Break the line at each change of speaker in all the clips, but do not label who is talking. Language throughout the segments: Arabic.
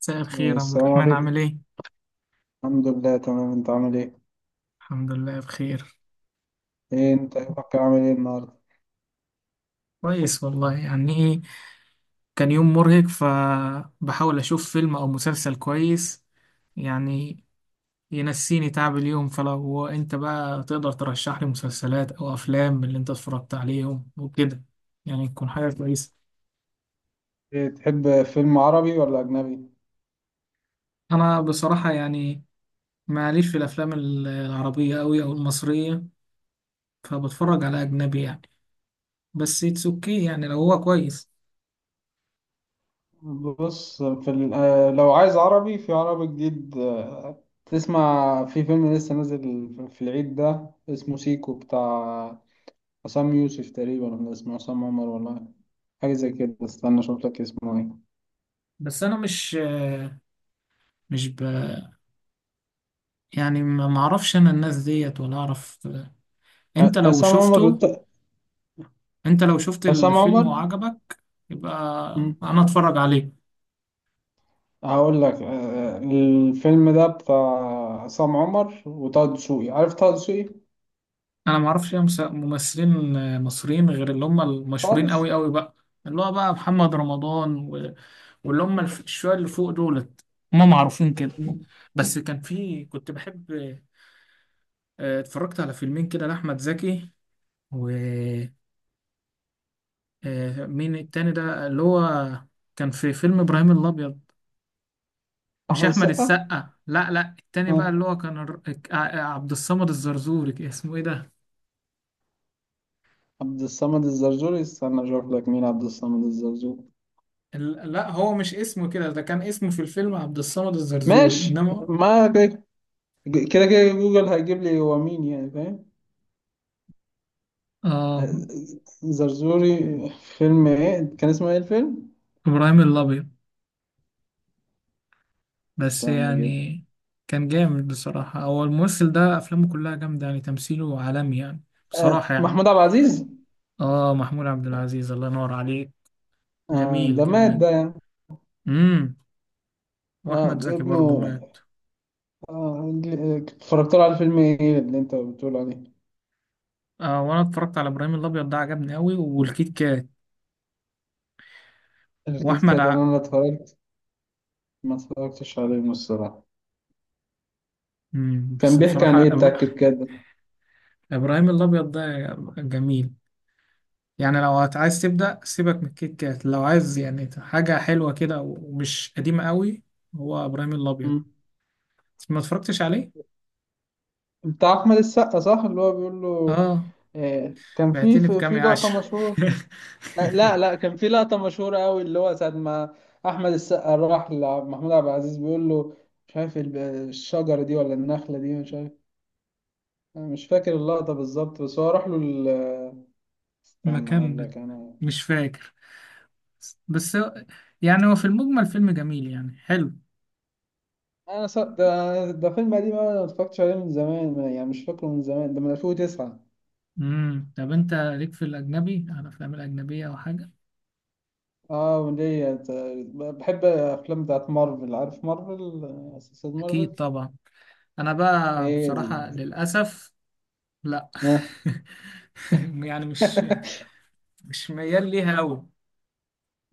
مساء الخير عبد
السلام
الرحمن،
عليكم.
عامل ايه؟
الحمد لله تمام. انت عامل ايه؟
الحمد لله بخير.
ايه انت يومك عامل ايه النهارده؟
كويس والله. يعني ايه، كان يوم مرهق فبحاول اشوف فيلم او مسلسل كويس يعني ينسيني تعب اليوم. فلو انت بقى تقدر ترشح لي مسلسلات او افلام من اللي انت اتفرجت عليهم وكده، يعني تكون حاجة كويسة.
ايه تحب فيلم عربي ولا اجنبي؟
انا بصراحة يعني معليش في الافلام العربية قوي او المصرية، فبتفرج على اجنبي يعني. بس اتس اوكي يعني لو هو كويس.
بص، في ال- آه، لو عايز عربي، في عربي جديد تسمع في فيلم لسه نازل في العيد ده اسمه سيكو، بتاع عصام يوسف تقريبا، ولا اسمه عصام عمر، ولا حاجه زي كده. استنى اشوف لك اسمه ايه.
بس انا مش مش ب... يعني ما اعرفش انا الناس ديت ولا اعرف. انت لو
عصام عمر.
شفته انت لو شفت
عصام
الفيلم
عمر.
وعجبك يبقى انا اتفرج عليه.
هقول لك، الفيلم ده بتاع عصام عمر وطه دسوقي. عارف طه دسوقي؟
انا ما اعرفش أي ممثلين مصريين غير اللي هم المشهورين
خالص.
قوي قوي بقى، اللي هو بقى محمد رمضان واللي هم الشوية اللي فوق دولت، هم معروفين كده. بس كان في، كنت بحب، اتفرجت على فيلمين كده لأحمد زكي. و آه، مين التاني ده اللي هو، كان في فيلم إبراهيم الأبيض. مش
احمد
احمد
السقا.
السقا، لا لا، التاني بقى اللي
ها.
هو كان عبد الصمد الزرزوري، اسمه ايه ده.
عبد الصمد الزرزوري؟ استنى اشوف لك مين عبد الصمد الزرزوري.
لا، هو مش اسمه كده، ده كان اسمه في الفيلم عبد الصمد الزرزوري،
ماشي،
انما
ما كده، كده كده جوجل هيجيب لي هو مين، يعني فاهم. آه،
اه،
زرزوري. فيلم ايه؟ كان اسمه ايه الفيلم؟
ابراهيم الابيض. بس
استنى كده.
يعني كان جامد بصراحة، هو الممثل ده افلامه كلها جامدة يعني، تمثيله عالمي يعني، بصراحة يعني.
محمود عبد العزيز.
اه، محمود عبد العزيز. الله ينور عليك. جميل
ده مات
جميل.
ده يعني.
امم واحمد زكي برضه
ابنه.
مات.
اتفرجت له على فيلم ايه اللي انت بتقول عليه؟
وانا اتفرجت على ابراهيم الابيض ده، عجبني قوي، والكيت كات
الكيت
واحمد.
كات انا ما اتفرجت ما اتفرجتش عليه الصراحه.
مم.
كان
بس
بيحكي عن
بصراحة
ايه بتاع الكيت كات ده؟
إبراهيم الأبيض ده جميل يعني. لو عايز تبدأ سيبك من الكيت كات لو عايز يعني حاجة حلوة كده ومش قديمة قوي. هو إبراهيم الأبيض،
مم.
ما اتفرجتش عليه؟
بتاع احمد السقا، صح؟ اللي هو بيقول له.
آه.
آه، كان في
بعتني بكام يا
لقطه
عشر.
مشهوره. آه لا لا، كان في لقطه مشهوره قوي، اللي هو ساعه ما احمد السقا راح لمحمود عبد العزيز بيقول له، مش عارف الشجره دي ولا النخله دي، مش عارف. أنا مش فاكر اللقطه بالظبط، بس هو راح له استنى اقول
مكان،
لك انا.
مش فاكر، بس يعني هو في المجمل فيلم جميل يعني، حلو.
ده فيلم قديم أوي، انا ما اتفرجتش عليه من زمان، يعني مش فاكره من زمان، ده من 2009.
طب انت ليك في الاجنبي، على الافلام الاجنبيه او حاجه؟
اه، وليا. بحب الافلام بتاعت مارفل. عارف مارفل؟ سلسلة
اكيد
مارفل.
طبعا. انا بقى
ايه ده؟
بصراحه للاسف لا.
ها.
يعني مش مش ميال ليها قوي.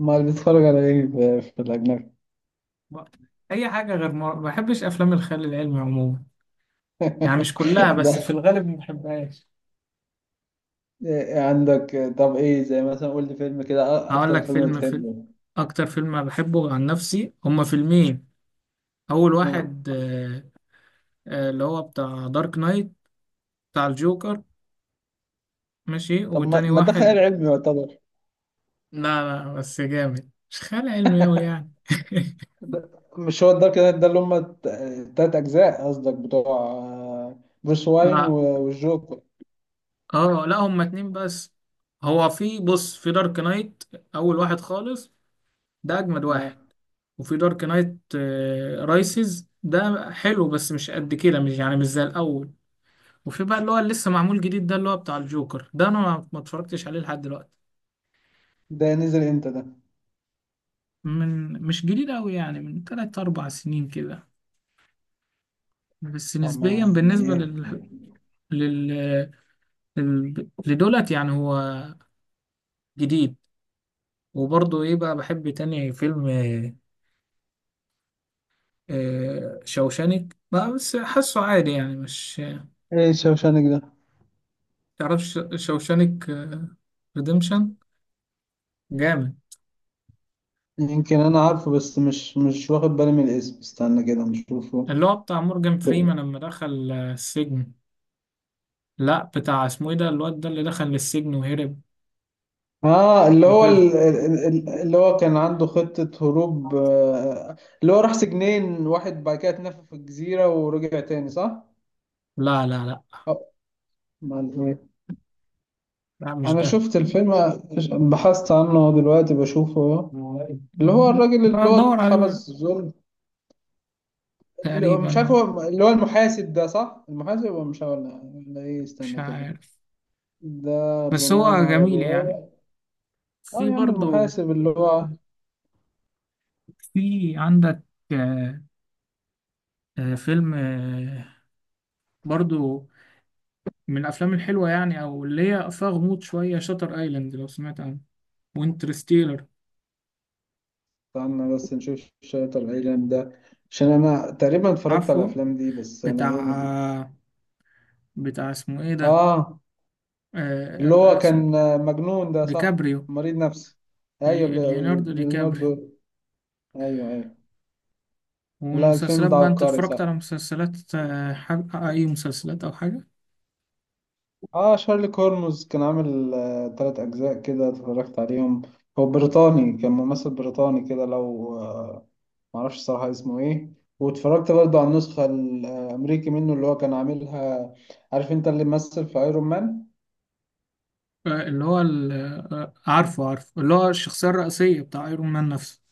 امال بتتفرج على ايه في الاجنبي؟
اي حاجه غير ما بحبش افلام الخيال العلمي عموما، يعني مش كلها، بس في
لا.
الغالب ما بحبهاش.
إيه عندك؟ طب ايه، زي مثلا قول لي فيلم كده.
هقول
اكتر
لك
فيلم
فيلم.
بتحبه.
اكتر فيلم بحبه عن نفسي هما فيلمين. اول
آه.
واحد اللي هو بتاع دارك نايت، بتاع الجوكر. ماشي،
طب ما
وتاني
ما ده خيال
واحد،
علمي يعتبر.
لا لا، بس جامد، مش خيال علمي قوي يعني.
ده- مش هو الدارك نايت ده اللي هم التلات أجزاء قصدك، بتوع بروس واين
لا،
والجوكر؟
اه لا، هما اتنين بس. هو في، بص، في دارك نايت اول واحد خالص، ده اجمد واحد.
آه،
وفي دارك نايت رايسز ده حلو بس مش قد كده، مش يعني مش زي الاول. وفي بقى اللي هو اللي لسه معمول جديد ده، اللي هو بتاع الجوكر ده، انا ما اتفرجتش عليه لحد دلوقتي.
ده نزل امتى ده؟
من، مش جديد قوي يعني، من 3 4 سنين كده، بس
آه،
نسبيا
ما ما
بالنسبة
ايه؟
لل... لدولت، يعني هو جديد. وبرضه ايه بقى، بحب تاني فيلم شوشانك، ما بس حاسه عادي يعني، مش.
ايه شوشانك ده؟
تعرفش شوشانك ريديمشن؟ جامد.
يمكن انا عارفه، بس مش واخد بالي من الاسم. استنى كده نشوفه.
اللي هو بتاع مورجان فريمان لما دخل السجن. لا، بتاع اسمه ايه ده، الواد ده اللي دخل للسجن وهرب
اه، اللي هو
وكده.
اللي هو كان عنده خطة هروب. اللي هو راح سجنين، واحد بعد كده اتنفى في الجزيرة ورجع تاني، صح؟
لا لا لا
آه، ما
لا، مش
انا
ده.
شفت الفيلم. بحثت عنه دلوقتي، بشوفه.
هو إيه؟
اللي هو الراجل اللي هو
بدور عليه بقى.
اتحبس ظلم.
تقريبا
مش عارف
اه.
هو اللي هو المحاسب ده، صح؟ المحاسب، هو مش ولا ايه،
مش
استنى كده.
عارف،
ده
بس
بناء
هو
على
جميل يعني.
رواية. اه
في
يا عم،
برضو،
المحاسب، اللي هو.
في عندك آه، فيلم برضو من الافلام الحلوه يعني، او اللي هي فيها غموض شويه، شاتر ايلاند لو سمعت عنه، وانترستيلر.
استنى بس نشوف شريط العيلان ده، عشان انا تقريبا اتفرجت على
عارفه.
الافلام دي. بس انا
بتاع
ايه.
بتاع اسمه ايه ده،
اه، اللي هو كان
اسمه
مجنون ده، صح؟
ديكابريو.
مريض نفسي. ايوه،
ليوناردو ديكابريو.
ليوناردو. ايوه ايوه. لا، الفيلم
والمسلسلات
ده
بقى، انت
عبقري،
اتفرجت
صح.
على مسلسلات اي مسلسلات او حاجه؟
اه، شارلي كورموز كان عامل تلات أجزاء كده، اتفرجت عليهم. هو بريطاني، كان ممثل بريطاني كده، لو آه معرفش الصراحة اسمه ايه. واتفرجت برضو على النسخة الأمريكي منه، اللي هو كان عاملها. عارف انت اللي مثل في ايرون مان؟
اللي هو ال... آه، عارفه عارفه، اللي هو الشخصيه الرئيسيه بتاع ايرون مان نفسه.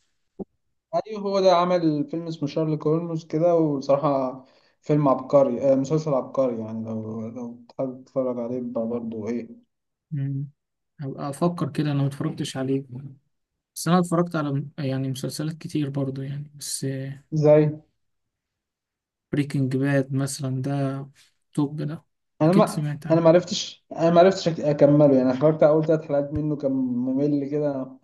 ايوه، هو ده، عمل فيلم اسمه شارلي كورموز كده، وصراحة فيلم عبقري، مسلسل عبقري. يعني لو حابب تتفرج عليه بقى برضو، ايه.
مم. هبقى افكر كده، انا ما اتفرجتش عليه. بس انا اتفرجت على يعني مسلسلات كتير برضو يعني، بس
زي
بريكنج باد مثلا ده، توب ده،
انا
اكيد
ما.
سمعت عنه.
انا ما عرفتش اكمله، يعني اتفرجت على اول ثلاث حلقات منه، كان ممل كده.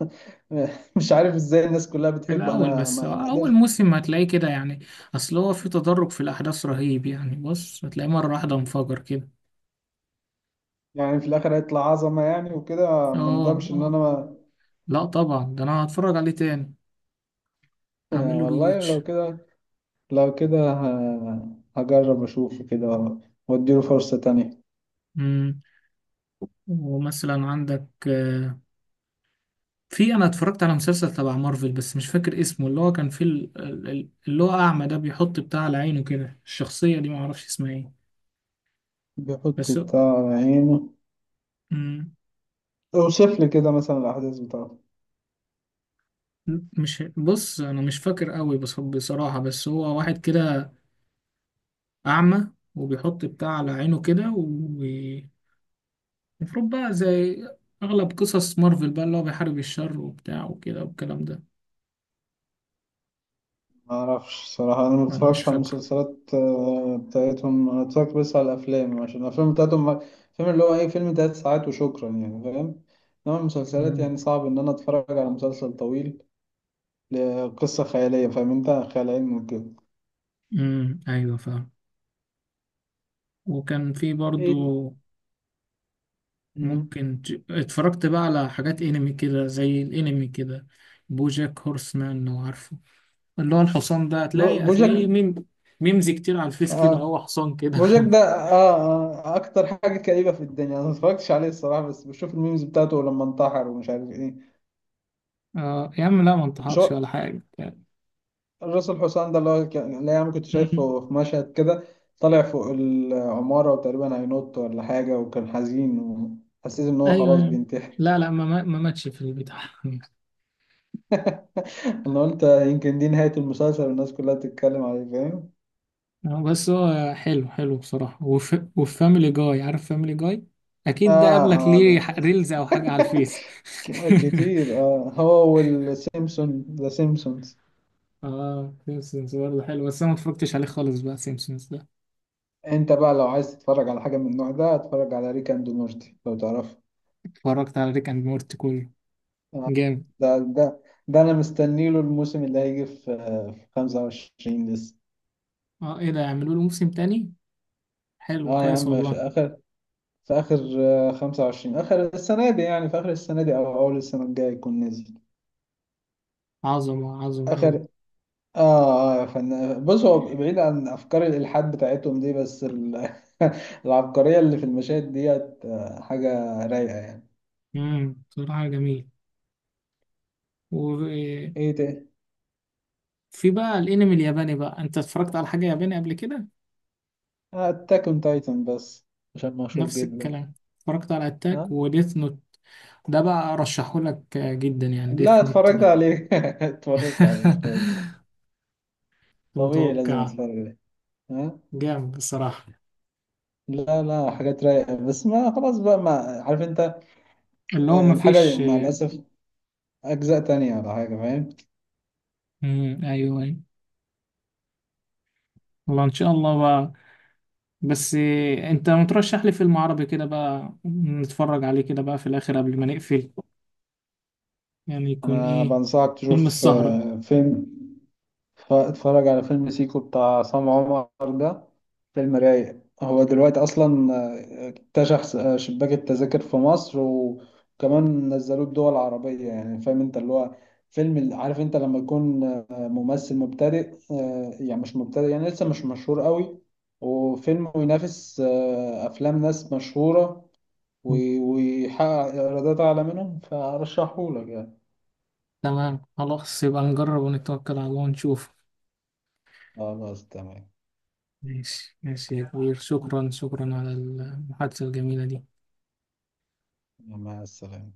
مش عارف ازاي الناس كلها
في
بتحبه،
الاول
انا
بس،
ما ما
اول
قدرت.
موسم هتلاقيه كده يعني، اصل هو في تدرج في الاحداث رهيب يعني، بص هتلاقيه مره واحده انفجر كده.
يعني في الاخر هيطلع عظمه، يعني وكده ما
اه
ندمش ان
اه،
انا.
لا طبعا ده انا هتفرج عليه تاني، اعمل له
والله
ريواتش.
لو كده، لو كده ه- هجرب اشوف كده واديله فرصه تانية.
امم ومثلا عندك آه، في انا اتفرجت على مسلسل تبع مارفل بس مش فاكر اسمه، اللي هو كان فيه اللي هو اعمى ده، بيحط بتاع على عينه كده، الشخصيه دي ما اعرفش اسمها ايه
بيحط
بس.
بتاع عينه.
مم.
اوصف لي كده مثلا الاحداث بتاعته.
مش، بص، انا مش فاكر قوي بس بصراحة، بس هو واحد كده اعمى وبيحط بتاع على عينه كده، ومفروض بقى زي اغلب قصص مارفل بقى اللي هو بيحارب الشر وبتاع وكده والكلام ده.
ما اعرفش صراحة، انا ما
وانا مش
بتفرجش على
فاكره.
المسلسلات بتاعتهم. انا اتفرجت بس على الافلام، عشان الافلام بتاعتهم فيلم، اللي هو ايه، فيلم تلات ساعات وشكرا، يعني فاهم. انما المسلسلات
امم
يعني صعب ان انا اتفرج على مسلسل طويل لقصة خيالية، فاهم انت، خيال علمي وكده.
أمم، ايوه فاهم. وكان في
ايه؟
برضو،
مهم.
ممكن اتفرجت بقى على حاجات انمي كده، زي الانمي كده، بوجاك هورسمان لو عارفه، اللي هو الحصان ده، هتلاقي
بوجك.
هتلاقيه ميم، ميمز كتير على الفيس كده،
آه.
هو حصان كده.
بوجك ده. آه اكتر حاجة كئيبة في الدنيا. انا ما اتفرجتش عليه الصراحة، بس بشوف الميمز بتاعته لما انتحر ومش عارف ايه.
اه يا عم، لا، ما
مش
انتحرش
هو
ولا حاجة يعني.
الراس الحسام ده، اللي هو كان اللي يعني كنت
أمم.
شايفه في مشهد كده، طالع فوق العمارة وتقريبا هينط ولا حاجة وكان حزين، وحسيت إن هو
ايوه
خلاص
ايوه،
بينتحر.
لا لا، ما ماتش في البتاع.
أنا قلت يمكن دي نهاية المسلسل والناس كلها بتتكلم عليه، فاهم؟
بس هو حلو، حلو بصراحة. وفاميلي جاي، عارف فاميلي جاي، اكيد ده
آه.
قابلك ليه
آه
ريلز او
ده.
حاجة على الفيس.
كتير. هو والسيمسون، ذا سيمسونز.
اه، سيمسونز برضه حلو، بس انا ما اتفرجتش عليه خالص بقى سيمسونز ده.
أنت بقى لو عايز تتفرج على حاجة من النوع ده، اتفرج على ريك أند مورتي لو تعرفه.
اتفرجت على ريك اند مورتي كله،
آه،
جامد.
ده ده ده أنا مستنيله. الموسم اللي هيجي في 25 لسه.
اه ايه ده، يعملوا له موسم تاني؟ حلو،
اه يا
كويس
عم، في
والله.
اخر، 25، اخر السنه دي، يعني في اخر السنه دي او اول السنه الجايه يكون نزل.
عظمة عظمة أوي.
اخر اه يا فنان، بص، هو بعيد عن افكار الالحاد بتاعتهم دي، بس العبقريه اللي في المشاهد ديت حاجه رايقه يعني.
بصراحة جميل.
ايه ده؟
في بقى الانمي الياباني بقى، انت اتفرجت على حاجة ياباني قبل كده؟
اتاك اون تايتن، بس عشان مشهور
نفس
جدا.
الكلام، اتفرجت على اتاك
ها.
وديث نوت، ده بقى ارشحهولك جدا يعني،
لا،
ديث نوت
اتفرجت
ده.
عليه. اتفرجت عليه اتفرجت عليه. طبيعي لازم
متوقع.
اتفرج عليه. ها.
جامد بصراحة.
لا لا، حاجات رايقه، بس ما خلاص بقى، ما عارف انت،
اللي هو
الحاجة
مفيش.
مع الأسف أجزاء تانية ولا حاجة، فاهم.
مم. ايوه ايوه. والله ان شاء الله بقى. بس انت مترشح لي فيلم عربي كده بقى نتفرج عليه كده بقى في الاخر قبل ما نقفل، يعني يكون
أنا
ايه؟
بنصحك
فيلم
تشوف
السهرة.
اتفرج على فيلم سيكو بتاع عصام عمر ده. فيلم رايق هو دلوقتي أصلا. اكتشف شباك التذاكر في مصر، وكمان نزلوه الدول العربية، يعني فاهم أنت، اللي هو فيلم عارف أنت لما يكون ممثل مبتدئ، يعني مش مبتدئ، يعني لسه مش مشهور قوي، وفيلم ينافس أفلام ناس مشهورة، ويحقق إيرادات أعلى منهم، فأرشحهولك يعني.
تمام، خلاص، يبقى نجرب ونتوكل على الله ونشوف.
خلاص تمام.
ماشي ماشي يا كبير، شكرا شكرا على المحادثة الجميلة دي.
مع السلامة.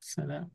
سلام.